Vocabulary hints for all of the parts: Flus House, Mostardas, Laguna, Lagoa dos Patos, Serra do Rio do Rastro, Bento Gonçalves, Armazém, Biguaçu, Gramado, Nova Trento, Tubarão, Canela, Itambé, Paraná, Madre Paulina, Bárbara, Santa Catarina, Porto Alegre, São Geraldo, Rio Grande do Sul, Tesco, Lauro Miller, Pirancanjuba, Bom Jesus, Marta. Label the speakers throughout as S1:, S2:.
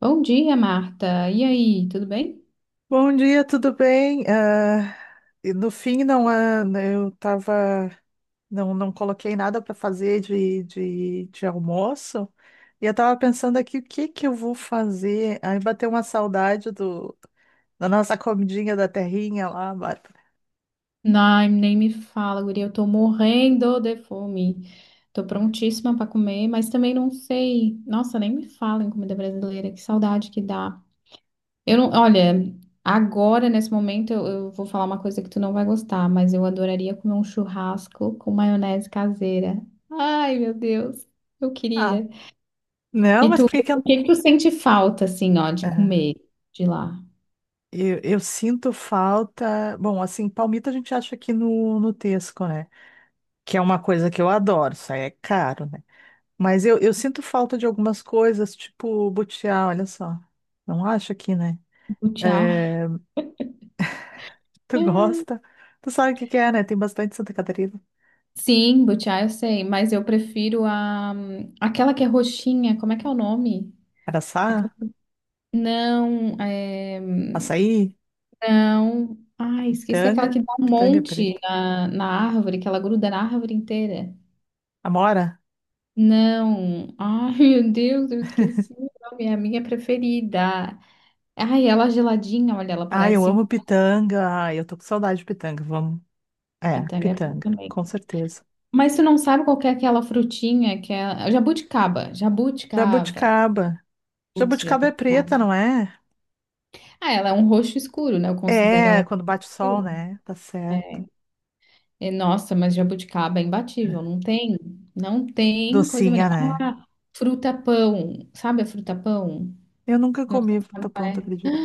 S1: Bom dia, Marta. E aí, tudo bem?
S2: Bom dia, tudo bem? E no fim, não, eu tava, não, não coloquei nada para fazer de almoço e eu tava pensando aqui o que que eu vou fazer. Aí bateu uma saudade do, da nossa comidinha da terrinha lá, Bárbara.
S1: Não, nem me fala, guria. Eu tô morrendo de fome. Tô prontíssima pra comer, mas também não sei. Nossa, nem me fala em comida brasileira. Que saudade que dá. Eu não, olha, agora, nesse momento, eu vou falar uma coisa que tu não vai gostar, mas eu adoraria comer um churrasco com maionese caseira. Ai, meu Deus, eu
S2: Ah,
S1: queria.
S2: não,
S1: E
S2: mas
S1: tu,
S2: por que que
S1: o
S2: eu,
S1: que que tu sente falta, assim, ó, de
S2: Ah,
S1: comer de lá?
S2: eu sinto falta? Bom, assim, palmito a gente acha aqui no Tesco, né? Que é uma coisa que eu adoro, isso aí é caro, né? Mas eu sinto falta de algumas coisas, tipo butiá, olha só. Não acho aqui, né?
S1: Lutear.
S2: É, tu gosta? Tu sabe o que que é, né? Tem bastante em Santa Catarina.
S1: Sim, butiá eu sei, mas eu prefiro a aquela que é roxinha, como é que é o nome? Aquela-
S2: Araçá,
S1: Não, é...
S2: açaí,
S1: não. Ai, esqueci aquela
S2: pitanga,
S1: que dá um
S2: pitanga
S1: monte
S2: preta.
S1: na, árvore, que ela gruda na árvore inteira.
S2: Amora?
S1: Não. Ai, meu Deus, eu esqueci o nome, é a minha preferida. Ai, ela geladinha, olha, ela
S2: Ai, eu
S1: parece um
S2: amo pitanga. Ai, eu tô com saudade de pitanga. Vamos. É,
S1: pitanga é bom
S2: pitanga,
S1: também.
S2: com certeza.
S1: Mas tu não sabe qual que é aquela frutinha que é jabuticaba, jabuticaba.
S2: Jabuticaba.
S1: Putz,
S2: Jabuticaba é
S1: jabuticaba.
S2: preta, não é?
S1: Ah, ela é um roxo escuro, né? Eu considero ela
S2: É,
S1: um
S2: quando bate o sol,
S1: escuro.
S2: né? Tá certo.
S1: É. E, nossa, mas jabuticaba é imbatível. Não tem coisa melhor.
S2: Docinha, né?
S1: Ah, fruta-pão. Sabe a fruta-pão?
S2: Eu nunca
S1: Não sei
S2: comi
S1: se
S2: fruta
S1: sabe qual
S2: pão, tu
S1: é.
S2: acredita?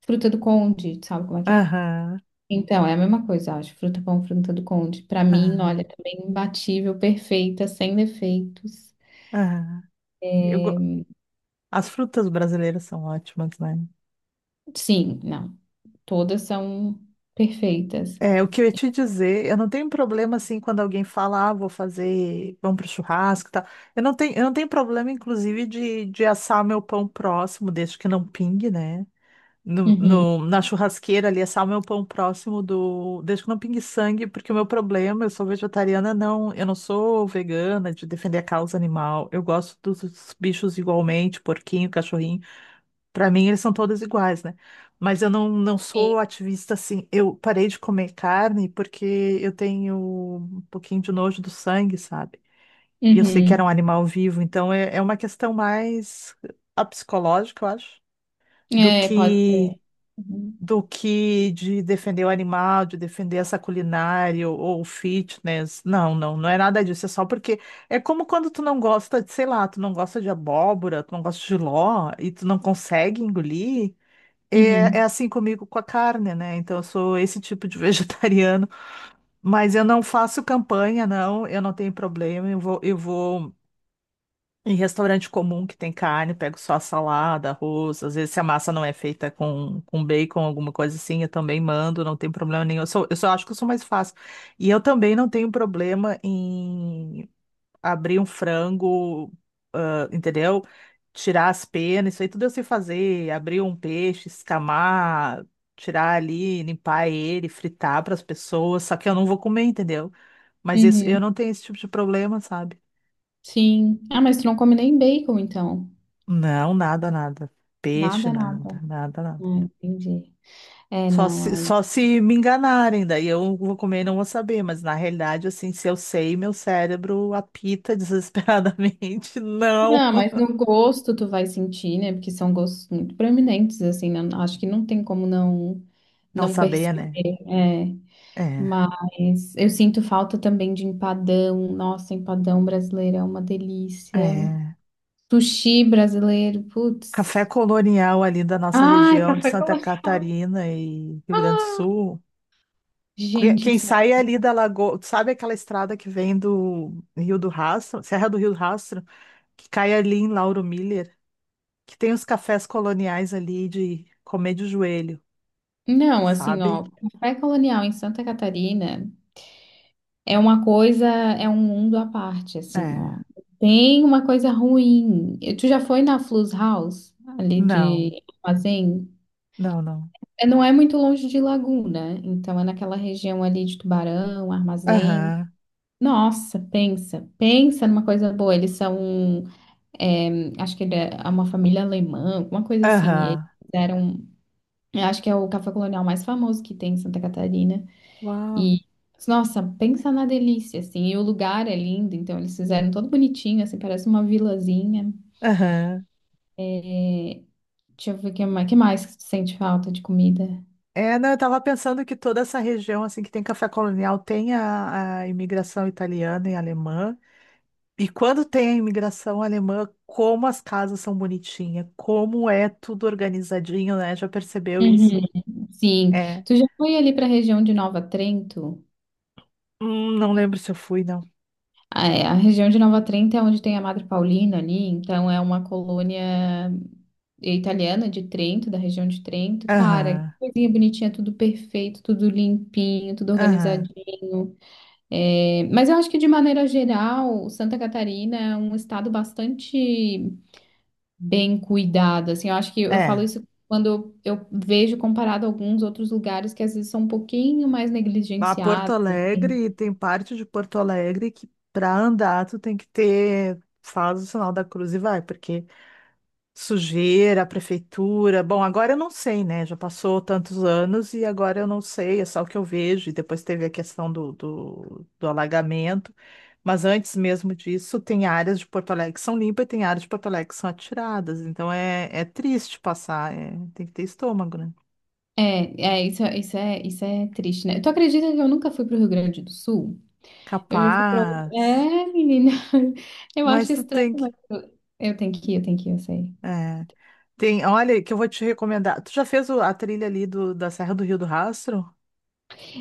S1: Fruta do Conde, sabe como é que é?
S2: Aham.
S1: Então, é a mesma coisa, eu acho. Fruta-pão, fruta do Conde. Pra mim,
S2: Aham.
S1: olha, também imbatível, perfeita, sem defeitos.
S2: Aham. Eu go-
S1: É.
S2: As frutas brasileiras são ótimas, né?
S1: Sim, não. Todas são perfeitas.
S2: É, o que eu ia te dizer, eu não tenho problema assim quando alguém fala, ah, vou fazer pão pro churrasco e tal. Eu não tenho problema, inclusive, de assar o meu pão próximo, desde que não pingue, né? No,
S1: Uhum.
S2: no- na churrasqueira ali, assar o meu pão próximo do. Desde que não pingue sangue, porque o meu problema, eu sou vegetariana, não, eu não sou vegana de defender a causa animal. Eu gosto dos bichos igualmente, porquinho, cachorrinho. Para mim, eles são todos iguais, né? Mas eu não, não
S1: Sim.
S2: sou ativista assim. Eu parei de comer carne porque eu tenho um pouquinho de nojo do sangue, sabe? E eu sei que era um
S1: Uhum.
S2: animal vivo, então é, é uma questão mais a psicológica, eu acho, do
S1: É, pode ser.
S2: que
S1: Uhum.
S2: do que de defender o animal, de defender essa culinária ou fitness. Não, não, não é nada disso. É só porque é como quando tu não gosta de, sei lá, tu não gosta de abóbora, tu não gosta de ló e tu não consegue engolir. É, é
S1: Uhum.
S2: assim comigo com a carne, né? Então, eu sou esse tipo de vegetariano, mas eu não faço campanha, não, eu não tenho problema. Eu vou em restaurante comum que tem carne, pego só a salada, arroz. Às vezes, se a massa não é feita com bacon, alguma coisa assim, eu também mando, não tem problema nenhum. Eu sou, eu só acho que eu sou mais fácil. E eu também não tenho problema em abrir um frango, ah, entendeu? Tirar as penas, isso aí tudo eu sei fazer. Abrir um peixe, escamar, tirar ali, limpar ele, fritar para as pessoas. Só que eu não vou comer, entendeu? Mas isso, eu
S1: Uhum,
S2: não tenho esse tipo de problema, sabe?
S1: sim. Ah, mas tu não come nem bacon, então.
S2: Não, nada, nada. Peixe,
S1: Nada,
S2: nada,
S1: nada.
S2: nada, nada.
S1: Ah, entendi. É,
S2: Só
S1: não,
S2: se,
S1: aí.
S2: só se me enganarem, daí eu vou comer e não vou saber. Mas na realidade, assim, se eu sei, meu cérebro apita desesperadamente. Não.
S1: Não, mas no gosto tu vai sentir, né? Porque são gostos muito proeminentes, assim, né? Acho que não tem como
S2: Não
S1: não
S2: saber,
S1: perceber.
S2: né?
S1: É.
S2: É.
S1: Mas eu sinto falta também de empadão. Nossa, empadão brasileiro é uma delícia.
S2: É,
S1: Sushi brasileiro,
S2: café
S1: putz.
S2: colonial ali da nossa
S1: Ai,
S2: região de
S1: café
S2: Santa
S1: colonial.
S2: Catarina e Rio Grande do Sul.
S1: Gente do
S2: Quem
S1: céu.
S2: sai ali da Lagoa, sabe aquela estrada que vem do Rio do Rastro, Serra do Rio do Rastro, que cai ali em Lauro Miller, que tem os cafés coloniais ali de comer de joelho,
S1: Não, assim,
S2: sabe?
S1: ó, café colonial em Santa Catarina. É uma coisa, é um mundo à parte, assim, ó.
S2: É,
S1: Tem uma coisa ruim. E tu já foi na Flus House, ali
S2: não,
S1: de Armazém?
S2: não, não.
S1: É, não é muito longe de Laguna, então é naquela região ali de Tubarão, Armazém.
S2: Aham,
S1: Nossa, pensa numa coisa boa. Eles são, é, acho que ele é uma família alemã, alguma coisa assim. E eles
S2: aham,
S1: fizeram, eu acho que é o café colonial mais famoso que tem em Santa Catarina.
S2: uau,
S1: E, nossa, pensa na delícia, assim. E o lugar é lindo, então eles fizeram todo bonitinho, assim, parece uma vilazinha.
S2: aham.
S1: É. Deixa eu ver o que mais, que mais que tu sente falta de comida.
S2: É, não, eu estava pensando que toda essa região assim que tem café colonial tem a imigração italiana e alemã. E quando tem a imigração alemã, como as casas são bonitinhas, como é tudo organizadinho, né? Já percebeu
S1: Uhum.
S2: isso?
S1: Sim,
S2: É.
S1: tu já foi ali para a região de Nova Trento?
S2: Não lembro se eu fui, não.
S1: Ah, é, a região de Nova Trento é onde tem a Madre Paulina ali, então é uma colônia italiana de Trento, da região de Trento. Cara, que
S2: Aham,
S1: coisinha bonitinha, tudo perfeito, tudo limpinho, tudo
S2: aham.
S1: organizadinho. É, mas eu acho que, de maneira geral, Santa Catarina é um estado bastante bem cuidado, assim, eu acho que eu falo
S2: É.
S1: isso quando eu vejo comparado a alguns outros lugares que às vezes são um pouquinho mais
S2: A Porto
S1: negligenciados, assim.
S2: Alegre, tem parte de Porto Alegre que para andar tu tem que ter, faz o sinal da cruz e vai, porque sujeira, prefeitura. Bom, agora eu não sei, né? Já passou tantos anos e agora eu não sei, é só o que eu vejo. E depois teve a questão do alagamento. Mas antes mesmo disso, tem áreas de Porto Alegre que são limpas e tem áreas de Porto Alegre que são atiradas. Então é, é triste passar, é, tem que ter estômago, né?
S1: Isso, isso é triste, né? Tu acredita que eu nunca fui pro Rio Grande do Sul? Eu já fui pra...
S2: Capaz.
S1: É, menina, eu
S2: Mas
S1: acho
S2: tu
S1: estranho,
S2: tem
S1: mas
S2: que.
S1: eu, eu tenho que ir, eu sei.
S2: É. Tem, olha, que eu vou te recomendar. Tu já fez a trilha ali do, da Serra do Rio do Rastro?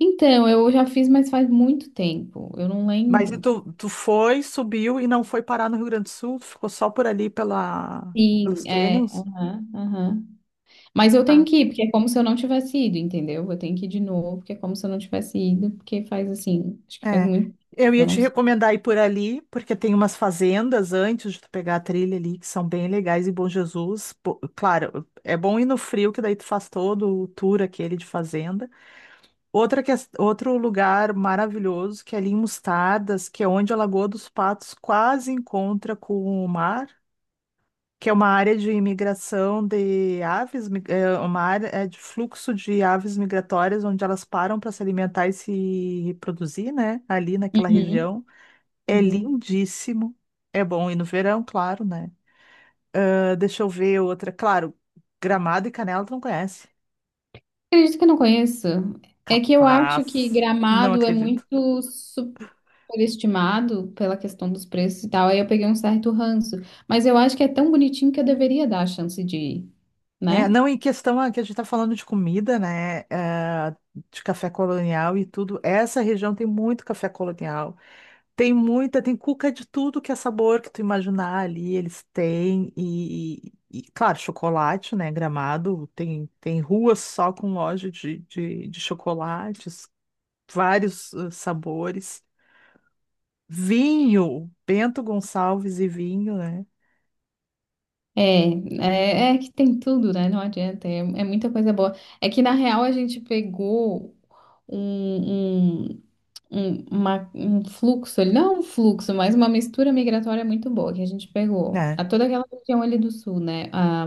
S1: Então, eu já fiz, mas faz muito tempo, eu não
S2: Mas e
S1: lembro.
S2: tu, tu foi, subiu e não foi parar no Rio Grande do Sul? Tu ficou só por ali pela,
S1: Sim,
S2: pelos
S1: é.
S2: canyons?
S1: Aham, aham. Mas eu tenho
S2: Ah,
S1: que ir, porque é como se eu não tivesse ido, entendeu? Eu tenho que ir de novo, porque é como se eu não tivesse ido, porque faz assim, acho que faz
S2: é.
S1: muito tempo,
S2: Eu ia
S1: eu
S2: te
S1: não sei.
S2: recomendar ir por ali, porque tem umas fazendas antes de tu pegar a trilha ali, que são bem legais e Bom Jesus. Pô, claro, é bom ir no frio, que daí tu faz todo o tour aquele de fazenda. Outro lugar maravilhoso, que é ali em Mostardas, que é onde a Lagoa dos Patos quase encontra com o mar. Que é uma área de imigração de aves, é uma área é de fluxo de aves migratórias, onde elas param para se alimentar e se reproduzir, né? Ali naquela
S1: Uhum,
S2: região. É
S1: uhum.
S2: lindíssimo. É bom ir no verão, claro, né? Ah, deixa eu ver outra. Claro, Gramado e Canela tu não conhece.
S1: Acredito que eu não conheço. É que eu acho que
S2: Capaz. Não
S1: Gramado é
S2: acredito.
S1: muito superestimado pela questão dos preços e tal, aí eu peguei um certo ranço. Mas eu acho que é tão bonitinho que eu deveria dar a chance de ir,
S2: É,
S1: né?
S2: não, em questão que a gente está falando de comida, né? De café colonial e tudo. Essa região tem muito café colonial. Tem muita, tem cuca de tudo que é sabor que tu imaginar ali, eles têm. E, claro, chocolate, né? Gramado, tem, tem ruas só com loja de chocolates, vários sabores. Vinho, Bento Gonçalves e vinho, né?
S1: É, é que tem tudo, né? Não adianta, é muita coisa boa. É que na real a gente pegou um, um, um fluxo, não um fluxo, mas uma mistura migratória muito boa que a gente pegou.
S2: É,
S1: A toda aquela região ali do sul, né? Ah,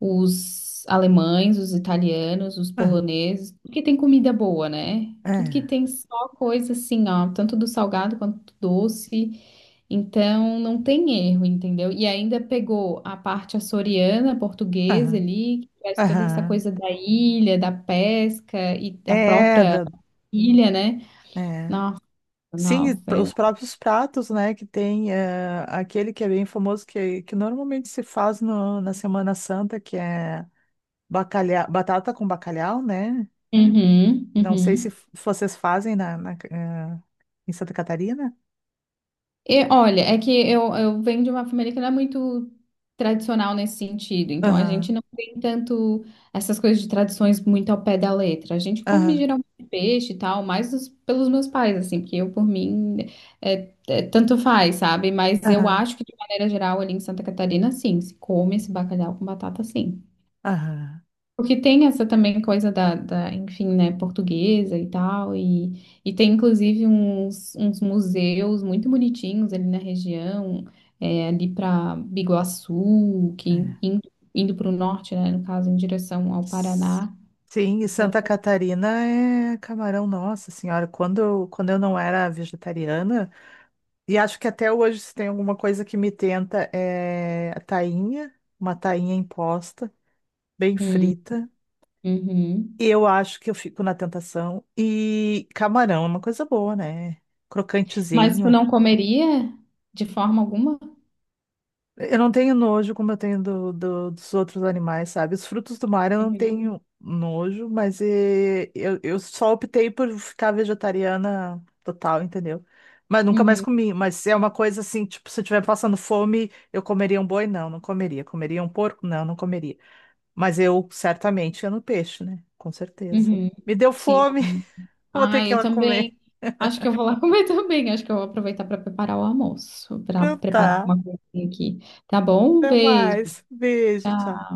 S1: os alemães, os italianos, os
S2: aham,
S1: poloneses, tudo que tem comida boa, né? Tudo
S2: é,
S1: que tem só coisa assim, ó, tanto do salgado quanto do doce. Então não tem erro, entendeu? E ainda pegou a parte açoriana, portuguesa
S2: aham,
S1: ali, que traz toda essa
S2: aham.
S1: coisa da ilha, da pesca e a
S2: É,
S1: própria
S2: da,
S1: ilha, né?
S2: é.
S1: Nossa,
S2: Sim, e
S1: nossa. É.
S2: os próprios pratos, né, que tem aquele que é bem famoso, que normalmente se faz na Semana Santa, que é bacalhau, batata com bacalhau, né?
S1: Uhum,
S2: Não sei se
S1: uhum.
S2: f- vocês fazem na, na em Santa Catarina.
S1: E, olha, é que eu, venho de uma família que não é muito tradicional nesse sentido, então a gente
S2: Aham,
S1: não tem tanto essas coisas de tradições muito ao pé da letra. A gente come
S2: aham,
S1: geralmente peixe e tal, mais pelos meus pais, assim, porque eu, por mim, é, é, tanto faz, sabe? Mas eu
S2: aham,
S1: acho que, de maneira geral, ali em Santa Catarina, sim, se come esse bacalhau com batata, sim.
S2: aham.
S1: Porque tem essa também coisa enfim, né, portuguesa e tal, e tem inclusive uns, uns museus muito bonitinhos ali na região, é, ali para Biguaçu, que
S2: É.
S1: in- indo, para o norte, né, no caso, em direção ao
S2: S-
S1: Paraná.
S2: Sim, e
S1: Então,
S2: Santa
S1: tem-
S2: Catarina é camarão, nossa senhora, quando, quando eu não era vegetariana, e acho que até hoje, se tem alguma coisa que me tenta, é a tainha, uma tainha imposta, bem
S1: Hum,
S2: frita.
S1: uhum.
S2: E eu acho que eu fico na tentação. E camarão é uma coisa boa, né?
S1: Mas tu
S2: Crocantezinho.
S1: não comeria de forma alguma?
S2: Eu não tenho nojo como eu tenho dos outros animais, sabe? Os frutos do mar eu não
S1: Uhum,
S2: tenho nojo, mas eu só optei por ficar vegetariana total, entendeu? Mas nunca mais
S1: uhum,
S2: comi. Mas é uma coisa assim, tipo, se eu estiver passando fome, eu comeria um boi? Não, não comeria. Comeria um porco? Não, não comeria. Mas eu certamente ia no peixe, né? Com certeza.
S1: uhum.
S2: Me deu
S1: Sim.
S2: fome, vou ter
S1: Ah,
S2: que ir
S1: eu
S2: lá comer.
S1: também. Acho que eu vou lá comer também. Acho que eu vou aproveitar para preparar o almoço, para
S2: Então
S1: preparar
S2: tá.
S1: uma coisinha aqui. Tá bom? Um
S2: Até
S1: beijo.
S2: mais. Beijo,
S1: Tchau.
S2: tchau.